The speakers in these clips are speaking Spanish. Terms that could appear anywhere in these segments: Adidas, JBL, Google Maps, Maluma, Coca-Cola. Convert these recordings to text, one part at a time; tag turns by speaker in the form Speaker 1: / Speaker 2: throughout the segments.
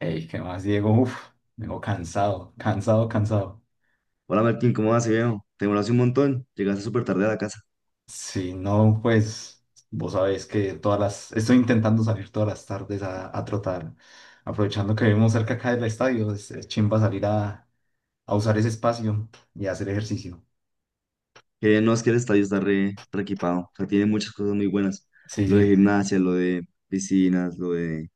Speaker 1: Ey, ¿qué más, Diego? Uf, vengo cansado, cansado, cansado.
Speaker 2: Hola Martín, ¿cómo vas, viejo? Te demoraste un montón, llegaste súper tarde a la casa.
Speaker 1: Si no, pues vos sabés que todas las... Estoy intentando salir todas las tardes a trotar. Aprovechando que vivimos cerca acá del estadio, es chimba salir a usar ese espacio y hacer ejercicio.
Speaker 2: No, es que el estadio está re equipado, o sea, tiene muchas cosas muy buenas.
Speaker 1: Sí,
Speaker 2: Lo de
Speaker 1: sí,
Speaker 2: gimnasia, lo de piscinas, lo de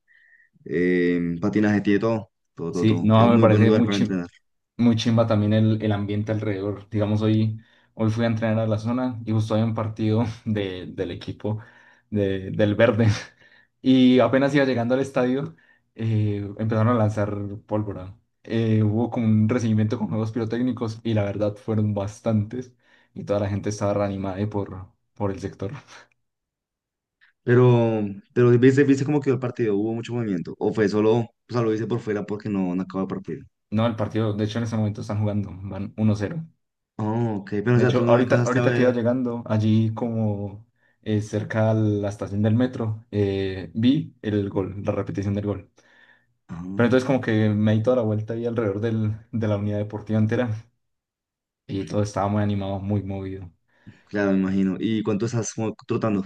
Speaker 2: patinaje, tiene todo, todo, todo,
Speaker 1: sí.
Speaker 2: todo.
Speaker 1: No,
Speaker 2: Es
Speaker 1: me
Speaker 2: muy buen
Speaker 1: parece
Speaker 2: lugar
Speaker 1: muy,
Speaker 2: para entrenar.
Speaker 1: muy chimba también el ambiente alrededor. Digamos, hoy fui a entrenar a la zona y justo había un partido del equipo del verde. Y apenas iba llegando al estadio, empezaron a lanzar pólvora. Hubo como un recibimiento con juegos pirotécnicos y la verdad fueron bastantes y toda la gente estaba reanimada por el sector.
Speaker 2: Pero, pero, ¿viste cómo quedó el partido? ¿Hubo mucho movimiento? ¿O fue solo, o sea, lo hice por fuera porque no acabó el partido?
Speaker 1: No, el partido, de hecho en ese momento están jugando, van 1-0.
Speaker 2: Oh, ok, pero o
Speaker 1: De
Speaker 2: sea, tú
Speaker 1: hecho,
Speaker 2: no alcanzaste a
Speaker 1: ahorita que iba
Speaker 2: ver.
Speaker 1: llegando allí como cerca a la estación del metro, vi el gol, la repetición del gol.
Speaker 2: Ah,
Speaker 1: Pero entonces como que me di toda la vuelta ahí alrededor de la unidad deportiva entera y todo estaba muy animado, muy movido.
Speaker 2: claro, me imagino. ¿Y cuánto estás como trotando?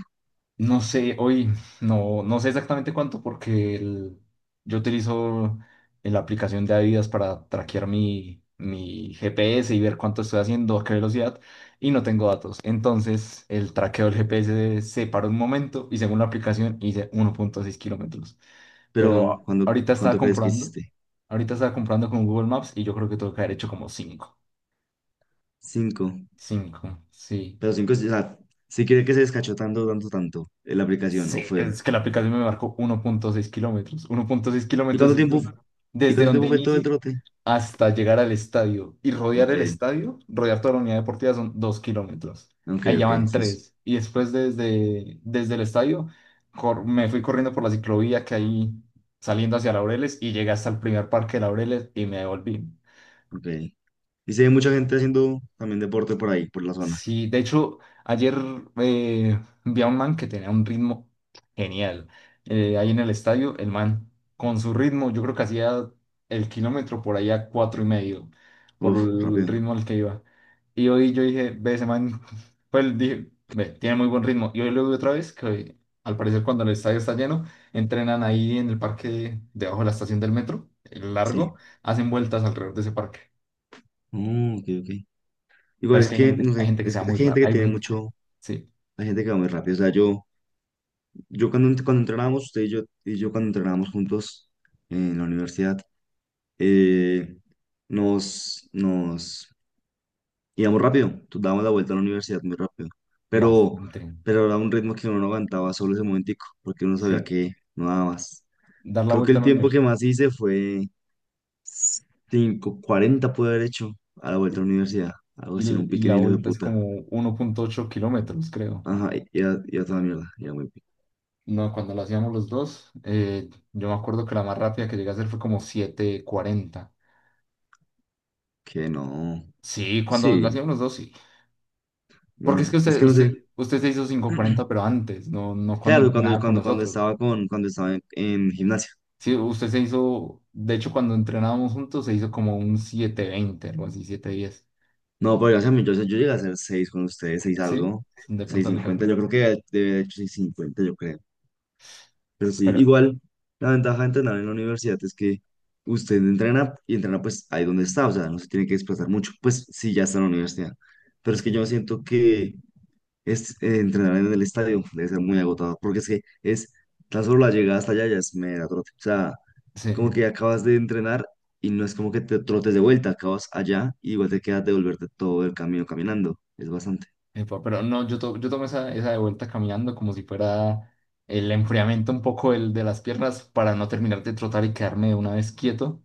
Speaker 1: No sé, hoy no, no sé exactamente cuánto porque yo utilizo la aplicación de Adidas para traquear mi GPS y ver cuánto estoy haciendo, a qué velocidad, y no tengo datos. Entonces, el traqueo del GPS se paró un momento y según la aplicación hice 1.6 kilómetros. Pero
Speaker 2: Pero, ¿cuándo, cuánto crees que hiciste?
Speaker 1: ahorita estaba comprando con Google Maps y yo creo que tengo que haber hecho como cinco,
Speaker 2: Cinco.
Speaker 1: 5 sí.
Speaker 2: Pero cinco, o sea, sí cree que se descachó tanto, tanto, tanto la aplicación, ¿o
Speaker 1: Sí,
Speaker 2: fue?
Speaker 1: es que la aplicación me marcó 1.6 kilómetros. 1.6
Speaker 2: ¿Y
Speaker 1: kilómetros
Speaker 2: cuánto
Speaker 1: es
Speaker 2: tiempo, y
Speaker 1: desde,
Speaker 2: cuánto
Speaker 1: donde
Speaker 2: tiempo fue todo el
Speaker 1: inicio
Speaker 2: trote?
Speaker 1: hasta llegar al estadio. Y rodear
Speaker 2: Ok,
Speaker 1: el estadio, rodear toda la unidad deportiva son 2 kilómetros.
Speaker 2: ok,
Speaker 1: Ahí ya
Speaker 2: ok,
Speaker 1: van
Speaker 2: eso es,
Speaker 1: 3. Y después desde, desde el estadio me fui corriendo por la ciclovía que hay saliendo hacia Laureles y llegué hasta el primer parque de Laureles y me devolví.
Speaker 2: ok. Y se ve mucha gente haciendo también deporte por ahí, por la zona.
Speaker 1: Sí, de hecho, ayer vi a un man que tenía un ritmo genial. Ahí en el estadio, el man con su ritmo, yo creo que hacía el kilómetro por allá cuatro y medio, por
Speaker 2: Uf,
Speaker 1: el
Speaker 2: rápido,
Speaker 1: ritmo al que iba. Y hoy yo dije, ve ese man, pues dije, ve, tiene muy buen ritmo. Y hoy lo vi otra vez, que al parecer cuando el estadio está lleno, entrenan ahí en el parque debajo de la estación del metro, el
Speaker 2: sí.
Speaker 1: largo, hacen vueltas alrededor de ese parque.
Speaker 2: Mm, ok, ok.
Speaker 1: Pero
Speaker 2: Igual
Speaker 1: es
Speaker 2: es
Speaker 1: que
Speaker 2: que, no
Speaker 1: hay
Speaker 2: sé,
Speaker 1: gente que se va
Speaker 2: es
Speaker 1: muy
Speaker 2: que hay
Speaker 1: rara.
Speaker 2: gente que
Speaker 1: Hay
Speaker 2: tiene
Speaker 1: gente,
Speaker 2: mucho,
Speaker 1: sí.
Speaker 2: hay gente que va muy rápido. O sea, yo cuando entrenábamos, usted y yo cuando entrenábamos juntos en la universidad, eh, nos íbamos rápido, tú dábamos la vuelta a la universidad muy rápido, pero,
Speaker 1: Bastante,
Speaker 2: pero era un ritmo que uno no aguantaba solo ese momentico, porque uno sabía
Speaker 1: sí,
Speaker 2: que no daba más.
Speaker 1: dar la
Speaker 2: Creo que
Speaker 1: vuelta
Speaker 2: el
Speaker 1: al
Speaker 2: tiempo que
Speaker 1: universo.
Speaker 2: más hice fue cinco, cuarenta pude haber hecho a la
Speaker 1: Y,
Speaker 2: vuelta a la universidad, algo así, era un
Speaker 1: y
Speaker 2: pique
Speaker 1: la
Speaker 2: hijo de
Speaker 1: vuelta es
Speaker 2: puta.
Speaker 1: como 1.8 kilómetros, creo.
Speaker 2: Ajá, y era toda mierda.
Speaker 1: No, cuando la hacíamos los dos, yo me acuerdo que la más rápida que llegué a hacer fue como 7:40.
Speaker 2: Que no,
Speaker 1: Sí, cuando la
Speaker 2: sí,
Speaker 1: hacíamos los dos, sí. Porque es que
Speaker 2: bueno, es que no sé.
Speaker 1: usted se hizo 5:40 pero antes, no, no cuando
Speaker 2: Claro, cuando,
Speaker 1: entrenaba con
Speaker 2: cuando, cuando
Speaker 1: nosotros.
Speaker 2: estaba con, cuando estaba en gimnasia.
Speaker 1: Sí, usted se hizo, de hecho, cuando entrenábamos juntos, se hizo como un 7:20 algo así, 7:10.
Speaker 2: No, pero dígame, yo llegué a hacer 6 con ustedes, 6
Speaker 1: Sí,
Speaker 2: algo,
Speaker 1: de
Speaker 2: seis
Speaker 1: pronto le
Speaker 2: cincuenta
Speaker 1: alcanzó.
Speaker 2: yo creo que debe haber hecho seis cincuenta yo creo. Pero sí,
Speaker 1: Pero
Speaker 2: igual, la ventaja de entrenar en la universidad es que usted entrena y entrena pues ahí donde está, o sea, no se tiene que desplazar mucho, pues sí, ya está en la universidad. Pero es que yo
Speaker 1: sí,
Speaker 2: siento que entrenar en el estadio debe ser muy agotador, porque es que es tan solo la llegada hasta allá ya es mera trote. O sea,
Speaker 1: sí.
Speaker 2: como que acabas de entrenar y no es como que te trotes de vuelta, acabas allá y igual te quedas de volverte todo el camino caminando. Es bastante.
Speaker 1: Epa, pero no, yo, yo tomé esa de vuelta caminando como si fuera el enfriamiento un poco el de las piernas para no terminar de trotar y quedarme de una vez quieto,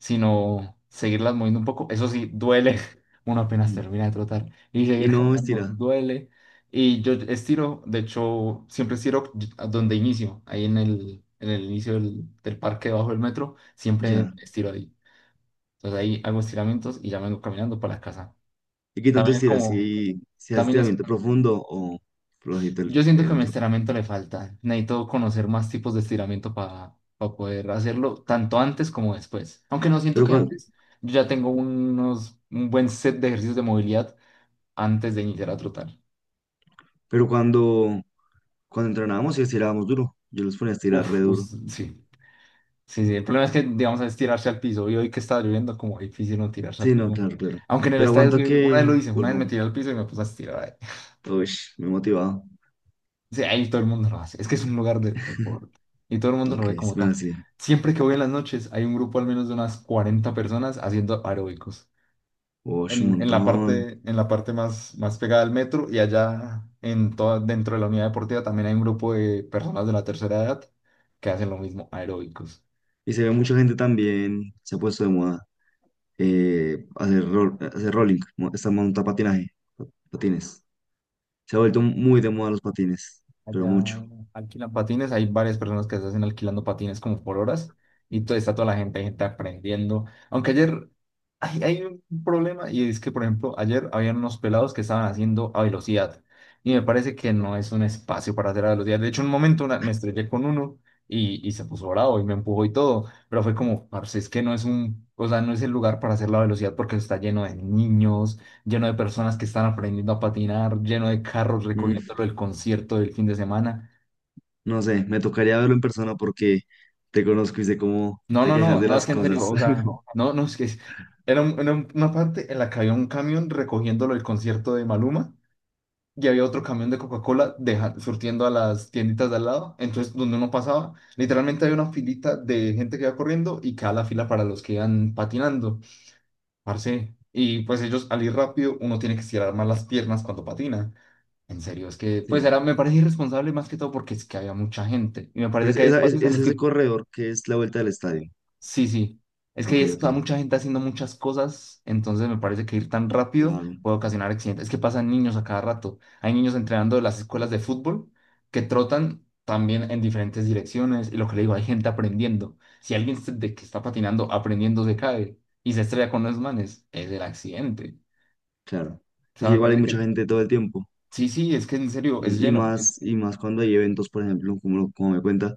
Speaker 1: sino seguirlas moviendo un poco. Eso sí, duele. Uno apenas
Speaker 2: Mm.
Speaker 1: termina de trotar y
Speaker 2: Y
Speaker 1: seguir
Speaker 2: no
Speaker 1: caminando
Speaker 2: estira,
Speaker 1: duele. Y yo estiro, de hecho, siempre estiro a donde inicio, ahí en el inicio del parque debajo del metro, siempre
Speaker 2: ya.
Speaker 1: estiro ahí. Entonces ahí hago estiramientos y ya vengo caminando para la casa.
Speaker 2: ¿Y qué tanto
Speaker 1: También es
Speaker 2: estira?
Speaker 1: como...
Speaker 2: Si haces
Speaker 1: También es,
Speaker 2: estiramiento profundo o flojito
Speaker 1: yo
Speaker 2: el
Speaker 1: siento que mi
Speaker 2: entro.
Speaker 1: estiramiento le falta. Necesito conocer más tipos de estiramiento para poder hacerlo, tanto antes como después. Aunque no siento
Speaker 2: Pero,
Speaker 1: que
Speaker 2: cuan-
Speaker 1: antes, yo ya tengo unos, un buen set de ejercicios de movilidad antes de iniciar a trotar.
Speaker 2: pero cuando entrenábamos y estirábamos duro, yo los ponía a estirar re
Speaker 1: Uf,
Speaker 2: duro.
Speaker 1: sí. Sí, sí. El problema es que, digamos, es tirarse al piso. Y hoy que está lloviendo, como difícil no tirarse al
Speaker 2: Sí, no,
Speaker 1: piso.
Speaker 2: claro, claro.
Speaker 1: Aunque en el
Speaker 2: Pero
Speaker 1: estadio, sí,
Speaker 2: aguanta
Speaker 1: una vez
Speaker 2: que
Speaker 1: lo hice, una vez
Speaker 2: vuelvo.
Speaker 1: me tiré al piso y me puse a estirar.
Speaker 2: Uy, me he motivado.
Speaker 1: Sí, ahí todo el mundo lo hace. Es que es un lugar de deporte y todo el mundo lo
Speaker 2: Ok,
Speaker 1: ve como tal.
Speaker 2: bueno, sí.
Speaker 1: Siempre que voy en las noches hay un grupo al menos de unas 40 personas haciendo aeróbicos
Speaker 2: Uy, un
Speaker 1: en la
Speaker 2: montón.
Speaker 1: parte, en la parte más, más pegada al metro y allá en toda, dentro de la unidad deportiva también hay un grupo de personas de la tercera edad que hacen lo mismo, aeróbicos.
Speaker 2: Y se ve mucha gente también. Se ha puesto de moda, hacer rolling, esta monta patinaje, patines. Se ha vuelto muy de moda los patines, pero
Speaker 1: Allá
Speaker 2: mucho.
Speaker 1: alquilan patines, hay varias personas que se hacen alquilando patines como por horas y todo, está toda la gente, hay gente aprendiendo. Aunque ayer hay un problema y es que, por ejemplo, ayer habían unos pelados que estaban haciendo a velocidad y me parece que no es un espacio para hacer a velocidad. De hecho, en un momento me estrellé con uno y se puso bravo y me empujó y todo, pero fue como, parce, es que no es un, o sea, no es el lugar para hacer la velocidad porque está lleno de niños, lleno de personas que están aprendiendo a patinar, lleno de carros
Speaker 2: Mm,
Speaker 1: recogiéndolo el concierto del fin de semana.
Speaker 2: no sé, me tocaría verlo en persona porque te conozco y sé cómo
Speaker 1: No,
Speaker 2: te
Speaker 1: no,
Speaker 2: quejas
Speaker 1: no,
Speaker 2: de
Speaker 1: no, es
Speaker 2: las
Speaker 1: que en serio,
Speaker 2: cosas.
Speaker 1: o sea, no, no, era, era una parte en la que había un camión recogiéndolo el concierto de Maluma y había otro camión de Coca-Cola surtiendo a las tienditas de al lado. Entonces, donde uno pasaba, literalmente había una filita de gente que iba corriendo y quedaba la fila para los que iban patinando, parce. Y pues ellos al ir rápido, uno tiene que estirar más las piernas cuando patina. En serio, es que pues
Speaker 2: Sí,
Speaker 1: era, me parece irresponsable más que todo porque es que había mucha gente. Y me
Speaker 2: pero
Speaker 1: parece
Speaker 2: es,
Speaker 1: que hay
Speaker 2: esa- es-
Speaker 1: espacios en
Speaker 2: es
Speaker 1: los
Speaker 2: ese
Speaker 1: que,
Speaker 2: corredor que es la vuelta del estadio.
Speaker 1: sí, sí, es que hay
Speaker 2: Ok, ok,
Speaker 1: mucha gente haciendo muchas cosas, entonces me parece que ir tan rápido
Speaker 2: claro,
Speaker 1: puede ocasionar accidentes. Es que pasan niños a cada rato. Hay niños entrenando en las escuelas de fútbol que trotan también en diferentes direcciones. Y lo que le digo, hay gente aprendiendo. Si alguien de que está patinando aprendiendo se cae y se estrella con los manes, es el accidente.
Speaker 2: claro.
Speaker 1: O
Speaker 2: Es
Speaker 1: sea,
Speaker 2: que
Speaker 1: me
Speaker 2: igual hay
Speaker 1: parece
Speaker 2: mucha
Speaker 1: que,
Speaker 2: gente todo el tiempo.
Speaker 1: sí, sí, es que en serio, es
Speaker 2: Y
Speaker 1: lleno.
Speaker 2: más, y más cuando hay eventos, por ejemplo, como me cuenta,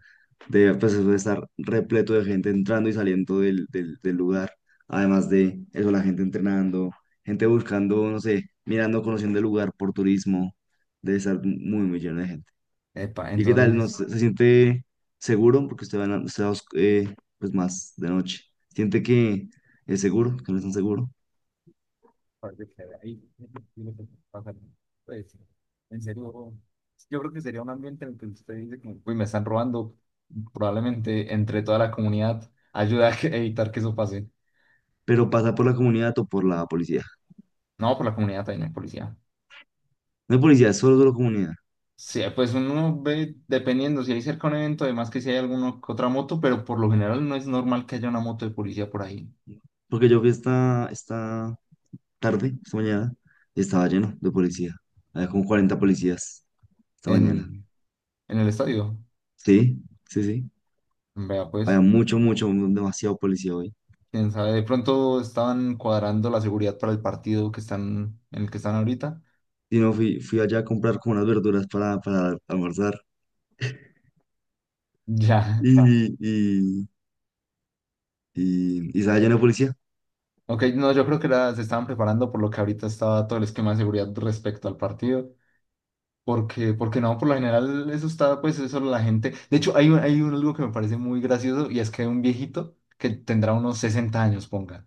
Speaker 2: pues eso de estar repleto de gente entrando y saliendo del lugar. Además de eso, la gente entrenando, gente buscando, no sé, mirando, conociendo el lugar por turismo. Debe estar muy, muy lleno de gente.
Speaker 1: Epa,
Speaker 2: ¿Y qué tal? ¿No
Speaker 1: entonces...
Speaker 2: se siente seguro? Porque usted va, en la- usted va os- pues más de noche. ¿Siente que es seguro? ¿Que no es tan seguro?
Speaker 1: Aparte que ahí tiene que pasar. Pues, en serio, yo creo que sería un ambiente en el que usted dice, como, uy, me están robando. Probablemente entre toda la comunidad ayuda a evitar que eso pase.
Speaker 2: Pero pasa por la comunidad o por la policía.
Speaker 1: No, por la comunidad también hay policía.
Speaker 2: No hay policía, es solo, solo comunidad.
Speaker 1: Sí, pues uno ve, dependiendo, si hay cerca un evento, además que si hay alguna que otra moto, pero por lo general no es normal que haya una moto de policía por ahí
Speaker 2: Porque yo vi esta mañana, y estaba lleno de policía. Había como 40 policías esta mañana.
Speaker 1: en, en el estadio.
Speaker 2: Sí, sí, sí.
Speaker 1: Vea,
Speaker 2: Había
Speaker 1: pues,
Speaker 2: mucho, mucho, demasiado policía hoy.
Speaker 1: quién sabe, de pronto estaban cuadrando la seguridad para el partido que están, en el que están ahorita.
Speaker 2: Y no, fui allá a comprar como unas verduras para almorzar.
Speaker 1: Ya.
Speaker 2: Y, y, y estaba lleno de policía.
Speaker 1: Ok, no, yo creo que se estaban preparando por lo que ahorita estaba todo el esquema de seguridad respecto al partido. Porque, porque no, por lo general eso está, pues eso la gente. De hecho, algo que me parece muy gracioso y es que un viejito que tendrá unos 60 años, ponga.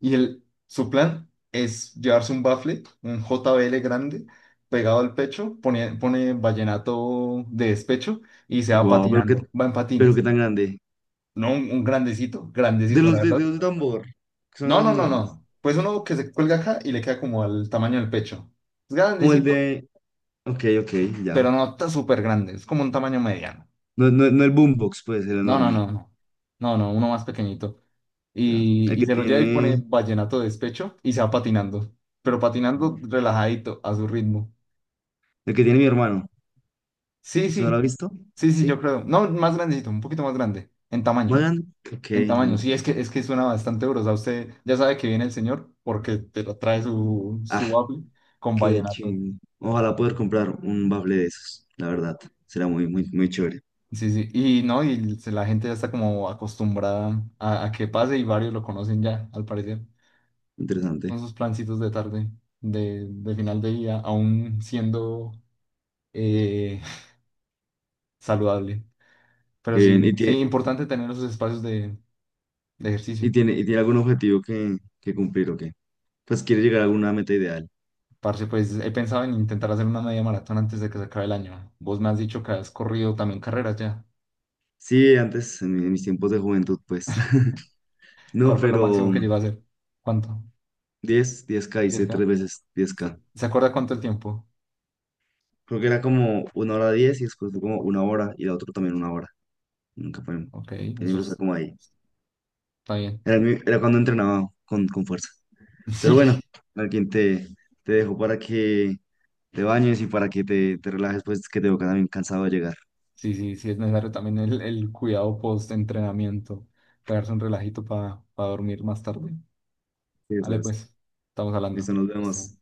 Speaker 1: Y él, su plan es llevarse un bafle, un JBL grande, pegado al pecho, pone vallenato de despecho y se va
Speaker 2: Guau,
Speaker 1: patinando, va en
Speaker 2: pero qué
Speaker 1: patines.
Speaker 2: tan grande.
Speaker 1: No, un grandecito,
Speaker 2: De
Speaker 1: grandecito, la
Speaker 2: los de,
Speaker 1: verdad.
Speaker 2: de los de tambor, que son
Speaker 1: No,
Speaker 2: las
Speaker 1: no, no,
Speaker 2: enormes.
Speaker 1: no. Pues uno que se cuelga acá y le queda como al tamaño del pecho. Es
Speaker 2: Como el
Speaker 1: grandecito,
Speaker 2: de. Ok, ok, ya.
Speaker 1: pero no está súper grande. Es como un tamaño mediano.
Speaker 2: No, no, no el boombox, pues, el
Speaker 1: No, no,
Speaker 2: enorme.
Speaker 1: no, no. No, no, uno más pequeñito.
Speaker 2: Ya. El
Speaker 1: Y
Speaker 2: que
Speaker 1: se lo lleva y pone
Speaker 2: tiene.
Speaker 1: vallenato de despecho y se va patinando. Pero patinando
Speaker 2: El
Speaker 1: relajadito, a su ritmo.
Speaker 2: que tiene mi hermano.
Speaker 1: Sí,
Speaker 2: ¿Usted no lo
Speaker 1: sí.
Speaker 2: ha visto?
Speaker 1: Sí, sí, yo
Speaker 2: ¿Sí?
Speaker 1: creo. No, más grandecito, un poquito más grande. En tamaño.
Speaker 2: Magan, ok,
Speaker 1: En
Speaker 2: no
Speaker 1: tamaño. Sí,
Speaker 2: encu-
Speaker 1: es que suena bastante duro. O sea, usted ya sabe que viene el señor porque te lo trae su
Speaker 2: Ah,
Speaker 1: waffle con
Speaker 2: qué
Speaker 1: vallenato.
Speaker 2: ching. Ojalá poder comprar un bafle de esos, la verdad. Será muy, muy, muy chévere.
Speaker 1: Sí, sí, y no, la gente ya está como acostumbrada a que pase y varios lo conocen ya, al parecer, con
Speaker 2: Interesante.
Speaker 1: sus plancitos de tarde, de final de día, aún siendo eh, saludable. Pero
Speaker 2: Qué
Speaker 1: sí,
Speaker 2: bien. ¿Y
Speaker 1: sí,
Speaker 2: tiene,
Speaker 1: importante tener esos espacios de ejercicio.
Speaker 2: y tiene, y tiene algún objetivo que cumplir o qué? Pues quiere llegar a alguna meta ideal.
Speaker 1: Parce, pues he pensado en intentar hacer una media maratón antes de que se acabe el año. Vos me has dicho que has corrido también carreras ya.
Speaker 2: Sí, antes, en mis tiempos de juventud, pues. No,
Speaker 1: ¿Cuál fue lo máximo
Speaker 2: pero
Speaker 1: que llevas a hacer? ¿Cuánto?
Speaker 2: diez k hice
Speaker 1: ¿10K?
Speaker 2: tres veces diez
Speaker 1: ¿Se,
Speaker 2: k
Speaker 1: se acuerda cuánto el tiempo?
Speaker 2: Creo que era como una hora 10 y después fue como una hora y la otra también una hora. Nunca fue.
Speaker 1: Ok, eso
Speaker 2: Siempre fue
Speaker 1: está
Speaker 2: como ahí.
Speaker 1: bien.
Speaker 2: Era cuando entrenaba con fuerza. Pero bueno,
Speaker 1: Sí.
Speaker 2: alguien te dejo para que te bañes y para que te relajes, pues que te veo también cansado de llegar.
Speaker 1: Sí, sí, sí, es necesario también el cuidado post-entrenamiento, pegarse un relajito para dormir más tarde.
Speaker 2: Sí,
Speaker 1: Vale,
Speaker 2: eso.
Speaker 1: pues, estamos hablando.
Speaker 2: Listo, nos
Speaker 1: Listo.
Speaker 2: vemos.